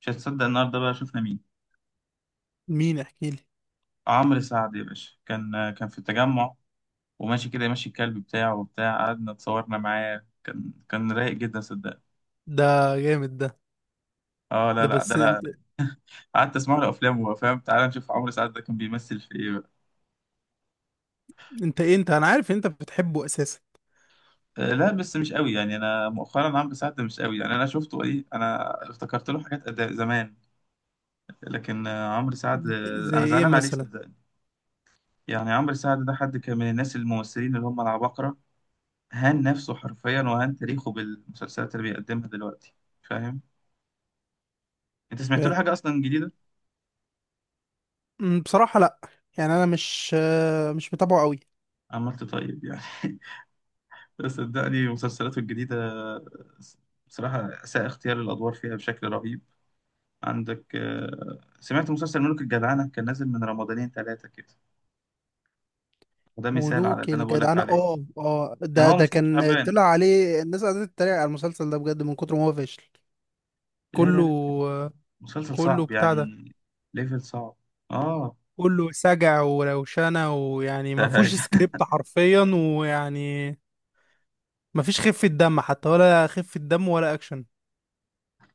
مش هتصدق النهارده بقى شفنا مين؟ مين؟ احكي لي. عمرو سعد يا باشا، كان في التجمع وماشي كده، ماشي الكلب بتاعه وبتاع. قعدنا اتصورنا معاه، كان رايق جدا صدق. ده جامد ده. اه، لا ده لا ده بس لا. انت. قعدت اسمع له افلام وهو فاهم. تعالى نشوف عمرو سعد ده كان بيمثل في ايه بقى. انت ايه؟ انت انا عارف ان انت بتحبه اساسا. لا بس مش قوي يعني. انا مؤخرا عمرو سعد ده مش قوي يعني. انا شفته ايه، انا افتكرت له حاجات زمان. لكن عمرو سعد، زي انا ايه زعلان عليه مثلا؟ صدقني. يعني عمرو سعد ده حد كان من الناس الممثلين اللي هم العباقرة. هان نفسه حرفيا وهان تاريخه بالمسلسلات اللي بيقدمها دلوقتي، فاهم؟ انت ف... سمعت له حاجه اصلا جديده؟ بصراحة لا. يعني انا مش مش متابعه قوي. عملت طيب يعني. بس صدقني مسلسلاته الجديده بصراحه اساء اختيار الادوار فيها بشكل رهيب. عندك سمعت مسلسل ملوك الجدعنه؟ كان نازل من رمضانين ثلاثه كده، وده مثال على اللي ملوك انا بقول لك الجدعنة، عليه. اه اه، كان ده هو ده مسلسل كان تعبان. طلع عليه الناس، قعدت تتريق على المسلسل ده بجد من كتر ما هو فاشل. لا لا كله. لا، كان آه، مسلسل كله صعب بتاع ده. يعني، ليفل صعب. اه. كله سجع وروشنة، ويعني ما فيهوش سكريبت حرفيا. ويعني ما فيش خفة دم، حتى ولا خفة دم ولا اكشن.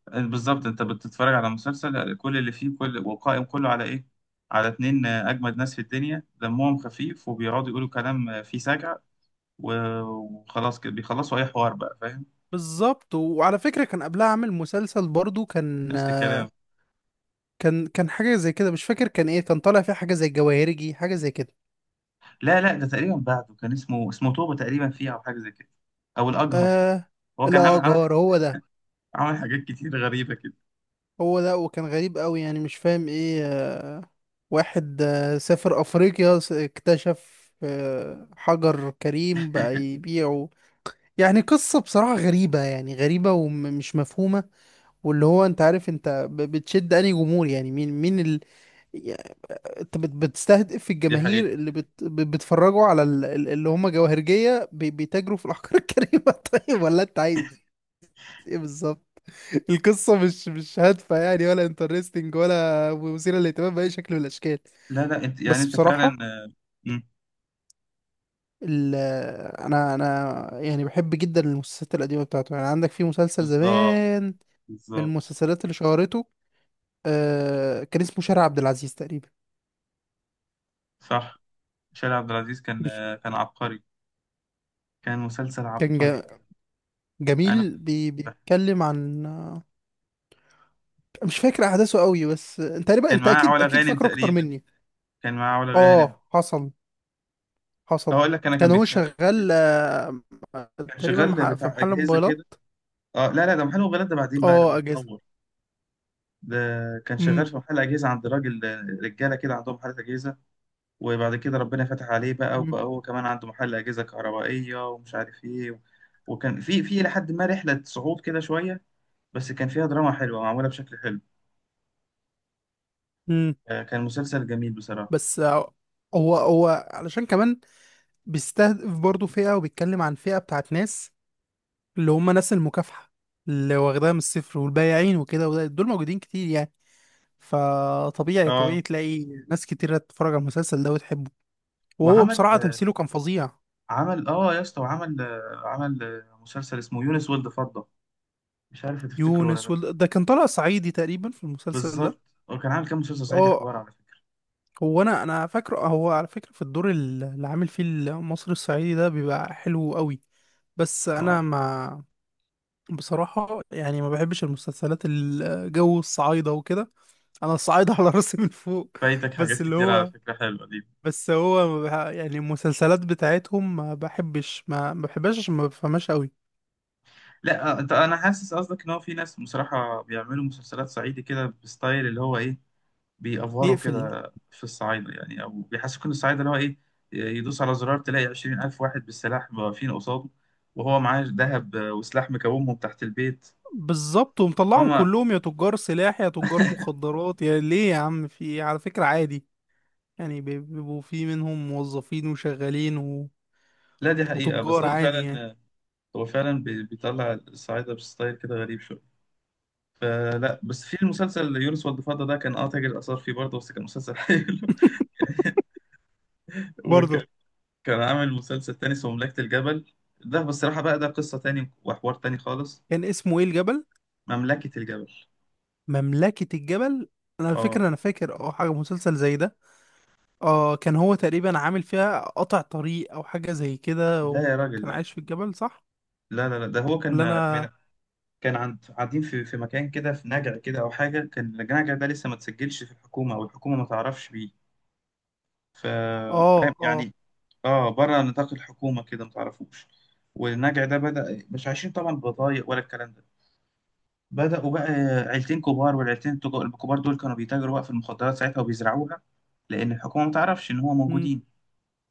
بالظبط، انت بتتفرج على مسلسل كل اللي فيه كل، وقائم كله على ايه؟ على اتنين اجمد ناس في الدنيا دمهم خفيف وبيقعدوا يقولوا كلام فيه سجع، وخلاص كده بيخلصوا اي حوار بقى، فاهم؟ بالظبط. وعلى فكرة كان قبلها عامل مسلسل برضو، نفس الكلام. كان حاجة زي كده، مش فاكر كان ايه، كان طالع فيه حاجة زي الجواهرجي، حاجة زي كده. لا لا، ده تقريبا بعده كان اسمه توبة تقريبا فيه، او حاجة زي كده، او الاجهر. آه. هو كان عامل لا، عامل جار هو ده. عامل حاجات كتير غريبة كده. هو ده. وكان غريب قوي، يعني مش فاهم ايه. واحد، سافر أفريقيا، اكتشف، حجر كريم بقى يبيعه. يعني قصة بصراحة غريبة، يعني غريبة ومش مفهومة. واللي هو انت عارف، انت بتشد انهي جمهور؟ يعني مين مين انت بتستهدف دي حقيقة. الجماهير اللي بيتفرجوا على اللي هم جواهرجية، بيتاجروا في الأحجار الكريمة؟ طيب، ولا انت عايز ايه بالظبط؟ القصة مش مش هادفة يعني، ولا انترستنج، ولا مثيرة للاهتمام بأي شكل من الأشكال. لا لا، انت يعني بس انت فعلا. بصراحة آه، مم، ال... انا يعني بحب جدا المسلسلات القديمة بتاعته. يعني عندك في مسلسل بالظبط، زمان، من بالظبط، المسلسلات اللي شهرته، كان اسمه شارع عبد العزيز تقريبا. صح. شارع عبد العزيز كان مش كان عبقري، كان مسلسل كان عبقري، انا بحبه. جميل؟ بيتكلم عن، مش فاكر احداثه قوي، بس انت تقريبا كان انت معاه اكيد علا اكيد غانم فاكره اكتر تقريبا، مني. كان معاه علا غانم. اه، حصل، اه، حصل. اقول لك انا كان كان هو بيتكلم. شغال، كان تقريبا شغال في بتاع محل اجهزه كده. موبايلات. اه لا لا، ده محل موبايلات، ده بعدين بقى اه، لما اجهزه. اتطور. ده كان شغال امم. في محل اجهزه عند راجل، رجاله كده عندهم محل اجهزه، وبعد كده ربنا فتح عليه بقى امم. وبقى هو كمان عنده محل اجهزه كهربائيه ومش عارف ايه. وكان في لحد ما رحله صعود كده شويه، بس كان فيها دراما حلوه معموله بشكل حلو. امم. كان مسلسل جميل بصراحه. بس آه. هو علشان كمان بيستهدف برضه فئه، وبيتكلم عن فئه بتاعت ناس، اللي هم ناس المكافحه، اللي واخداها من الصفر والبايعين وكده، دول موجودين كتير يعني. فطبيعي، اه طبيعي تلاقي ناس كتير تتفرج على المسلسل ده وتحبه. وهو وعمل بصراحه تمثيله كان فظيع. عمل اه يا اسطى، وعمل عمل مسلسل اسمه يونس ولد فضة، مش عارف هتفتكره ولا لا. ده كان طلع صعيدي تقريبا في المسلسل بالظبط، ده. هو كان عامل كام مسلسل صعيدي، اه. حوار على فكرة. هو انا فاكره، هو على فكره في الدور اللي عامل فيه المصري الصعيدي ده بيبقى حلو قوي. بس اه. انا ما، بصراحه يعني ما بحبش المسلسلات الجو الصعايده وكده. انا الصعايده على راسي من فوق. فايتك بس حاجات اللي كتير على هو، فكرة حلوة دي. بس هو ما بح- يعني المسلسلات بتاعتهم ما بحبش، ما بحبهاش عشان ما بفهمهاش قوي. لا انت، انا حاسس قصدك ان هو في ناس بصراحة بيعملوا مسلسلات صعيدي كده بستايل اللي هو ايه، بيأفوروا يقفل. كده في الصعايدة يعني، او بيحسسوك ان الصعايدة اللي هو ايه، يدوس على زرار تلاقي 20,000 واحد بالسلاح واقفين قصاده، وهو معاه ذهب وسلاح مكومهم تحت البيت. بالظبط، ومطلعهم هما. كلهم يا تجار سلاح، يا تجار مخدرات، يا ليه، يا عم في إيه؟ على فكرة عادي يعني. بيبقوا في منهم موظفين وشغالين لا دي حقيقة بس وتجار هو عادي يعني. فعلا، هو فعلا بيطلع الصعايدة بستايل كده غريب شوية. فلا، بس في المسلسل يونس والضفادع ده كان اه تاجر آثار فيه برضه، بس كان مسلسل حلو. وكان، برضه. كان عامل مسلسل تاني اسمه مملكة الجبل. ده بصراحة بقى ده قصة تاني وحوار تاني خالص. كان اسمه ايه؟ الجبل؟ مملكة الجبل، مملكة الجبل. انا على اه. فكرة انا فاكر اه حاجة مسلسل زي ده. اه، كان هو تقريبا عامل فيها قطع طريق او حاجة زي كده، لا يا راجل، وكان لا. عايش في الجبل صح؟ لا لا، لا. ده هو ولا كان انا؟ من، كان عند، قاعدين في مكان كده، في نجع كده او حاجة. كان النجع ده لسه ما تسجلش في الحكومة، او الحكومة ما تعرفش بيه. ف- اه فاهم اه. يعني؟ اه، بره نطاق الحكومه كده ما تعرفوش. والنجع ده بدا، مش عايشين طبعا ببضايق ولا الكلام ده. بداوا بقى عيلتين كبار، والعيلتين الكبار دول كانوا بيتاجروا بقى في المخدرات ساعتها وبيزرعوها، لان الحكومه ما تعرفش ان هو موجودين.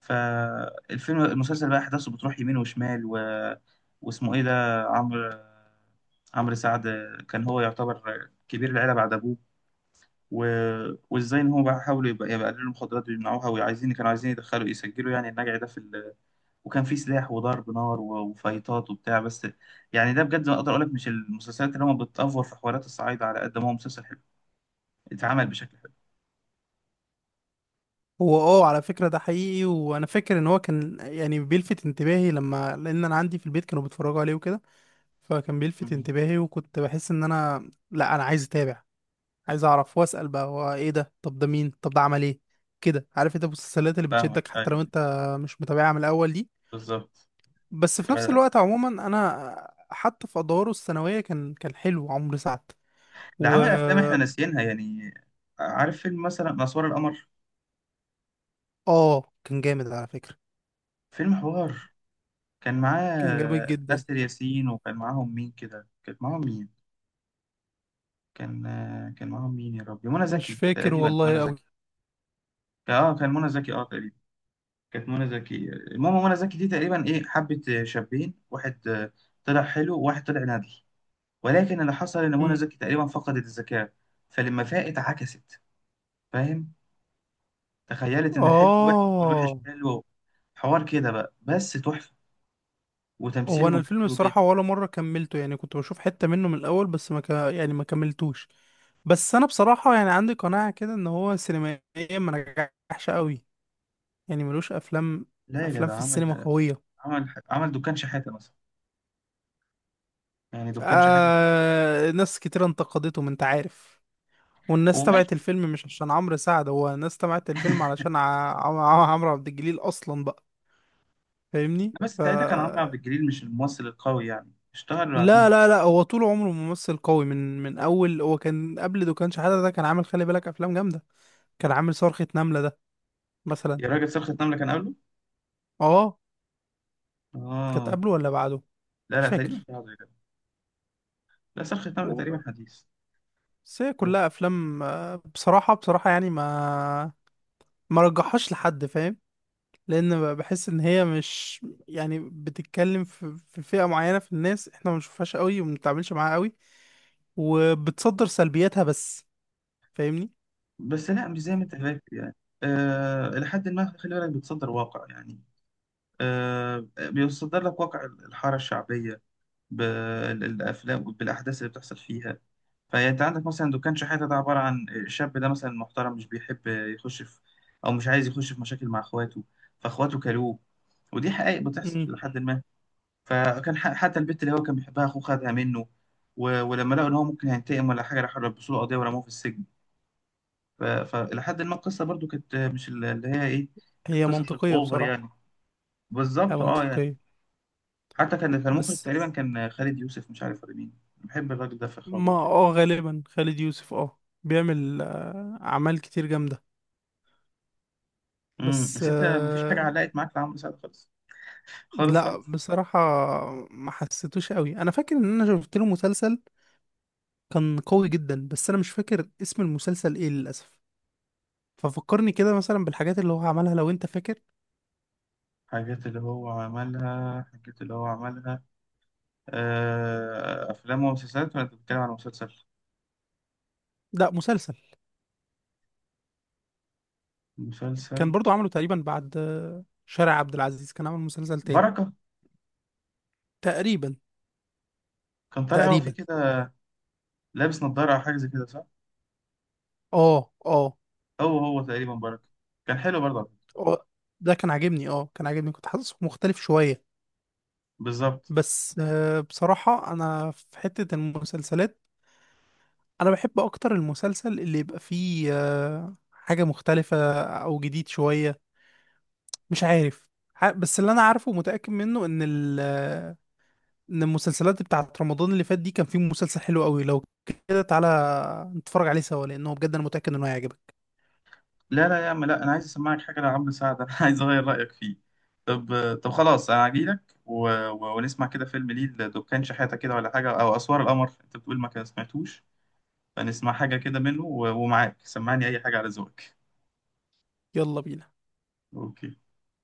فالفيلم، المسلسل بقى احداثه بتروح يمين وشمال و... واسمه ايه ده، عمرو، عمرو سعد، كان هو يعتبر كبير العيله بعد ابوه. و... وازاي ان هو بقى حاولوا يبقى يقللوا المخدرات ويمنعوها، وعايزين، كانوا عايزين يدخلوا يسجلوا يعني النجع ده في ال... وكان في سلاح وضرب نار و... وفايتات وبتاع بس. يعني ده بجد، ما اقدر اقول لك مش المسلسلات اللي هم بتأفور في حوارات الصعايدة، على قد ما هو مسلسل حلو اتعمل بشكل حلو. هو، اه على فكرة ده حقيقي. وانا فاكر ان هو كان يعني بيلفت انتباهي، لما، لان انا عندي في البيت كانوا بيتفرجوا عليه وكده. فكان بيلفت مم. انتباهي، وكنت بحس ان انا، لا انا عايز اتابع، عايز اعرف واسأل بقى هو ايه ده، طب ده مين، طب ده عمل ايه. كده، عارف انت المسلسلات اللي فاهمك، بتشدك ايوه، حتى لو أيوة. انت مش متابعها من الاول دي. بالظبط. بس ف... في نفس الوقت عموما، انا حتى في ادواره الثانوية كان حلو عمرو سعد. ده و، عمل افلام احنا ناسيينها يعني. عارف فيلم مثلا اسوار القمر؟ اه كان جامد على فكرة. فيلم حوار. كان كان جامد معاه جدا. آسر ياسين، وكان معاهم مين كده، كان معاهم مين؟ كان كان معاهم مين يا ربي؟ منى مش زكي فاكر تقريبا، منى والله قوي. زكي. اه كان منى زكي اه تقريبا. كانت منى زكي. المهم، منى زكي دي تقريبا ايه، حبت شابين، واحد طلع حلو، وواحد طلع ندل. ولكن اللي حصل ان منى زكي تقريبا فقدت الذكاء، فلما فاقت عكست، فاهم؟ تخيلت ان الحلو وحش والوحش اه. حلو. حوار كده بقى بس تحفة، هو انا وتمثيلهم الفيلم حلو جدا. الصراحه ولا مره كملته، يعني كنت بشوف حته منه من الاول، بس ما ك... يعني ما كملتوش. بس انا بصراحه يعني عندي قناعه كده ان هو سينمائيا ما نجحش قوي. يعني ملوش افلام، لا يا افلام جدع، في السينما عمل، قويه. عمل دكان شحاتة مثلا. يعني دكان شحاتة، ناس كتير انتقدته، ما انت عارف. والناس تبعت وماشي. الفيلم مش عشان عمرو سعد، هو الناس تبعت الفيلم علشان عمرو عبد الجليل اصلا بقى. فاهمني؟ بس ف، ساعتها كان عمرو عبد الجليل مش الممثل القوي يعني، اشتهر لا بعديها. لا لا هو طول عمره ممثل قوي. من اول هو كان قبل دكان شحاتة ده، كان عامل، خلي بالك، افلام جامده. كان عامل صرخة نملة ده مثلا. يا راجل، صرخة نملة كان قبله. اه. كانت اه. قبله ولا بعده؟ لا مش لا، تقريبا فاكر. كان قبله يا جدع. لا صرخة نملة تقريبا و- حديث. بس هي كلها افلام، بصراحه، بصراحه يعني ما رجحهاش لحد، فاهم؟ لان بحس ان هي مش يعني بتتكلم في في فئه معينه في الناس، احنا ما بنشوفهاش قوي وما بنتعاملش معاها قوي، وبتصدر سلبياتها بس. فاهمني؟ بس لا، مش زي ما انت فاكر يعني. آه إلى حد ما، خلي بالك، بتصدر واقع يعني، آه بيصدر لك واقع الحارة الشعبية، بالأفلام بالأحداث اللي بتحصل فيها. فانت عندك مثلا دكان شحاته، ده عباره عن الشاب ده مثلا محترم مش بيحب يخش في، او مش عايز يخش في مشاكل مع اخواته، فاخواته كلوه. ودي حقائق بتحصل مم. لحد ما. فكان حتى البت اللي هو كان بيحبها اخوه خدها منه، و... ولما لقوا ان هو ممكن هينتقم ولا حاجه راحوا لبسوا له قضيه ورموه في السجن. ف... فلحد ما القصه برضو كانت مش اللي هي ايه، هي القصص منطقيه الاوفر بصراحه. يعني. هي بالظبط اه يعني. منطقيه. حتى كان المخرج بس، تقريبا كان خالد يوسف، مش عارف ولا مين. بحب الراجل ده في ما اخراجاته يعني. اه غالبا خالد يوسف اه بيعمل، اعمال كتير جامده. امم، بس بس انت مفيش حاجه آه. علقت معاك لعمرو سعد خالص، خالص لا خالص. بصراحه ما حسيتوش قوي. انا فاكر ان انا شفت له مسلسل كان قوي جدا، بس انا مش فاكر اسم المسلسل ايه للاسف. ففكرني كده مثلا بالحاجات اللي هو عملها لو انت فاكر. حاجات اللي هو عملها، حاجات اللي هو عملها. أفلام ومسلسلات ولا أنت بتتكلم عن مسلسل؟ لا، مسلسل. كان مسلسل. برضو عمله تقريبا بعد شارع عبد العزيز، كان عامل مسلسل تاني بركة. تقريبا. كان طالع هو فيه تقريبا. كده، لابس نظارة أو حاجة زي كده صح؟ اه اه. هو هو تقريبا بركة. كان حلو برضه على فكرة. اه ده كان عاجبني. اه كان عاجبني، كنت حاسس مختلف شويه. بالظبط. بس بصراحة أنا في حتة المسلسلات، أنا بحب أكتر المسلسل اللي يبقى فيه حاجة مختلفة أو جديد شوية، مش عارف. بس اللي أنا عارفه ومتأكد منه، إن ال آه، إن المسلسلات بتاعت رمضان اللي فات دي كان فيه مسلسل حلو قوي. لو كده تعالى نتفرج عليه سوا، لأنه بجد أنا متأكد إنه هيعجبك. لا لا يا عم لا، أنا عايز أسمعك حاجة لعمرو سعد أنا، عايز أغير رأيك فيه. طب، طب خلاص، أنا هجيلك و... و... ونسمع كده فيلم ليه، لدكان شحاتة كده ولا حاجة، أو أسوار القمر أنت بتقول ما سمعتوش. فنسمع حاجة كده منه و... ومعاك، سمعني أي حاجة على ذوقك. يلا بينا. أوكي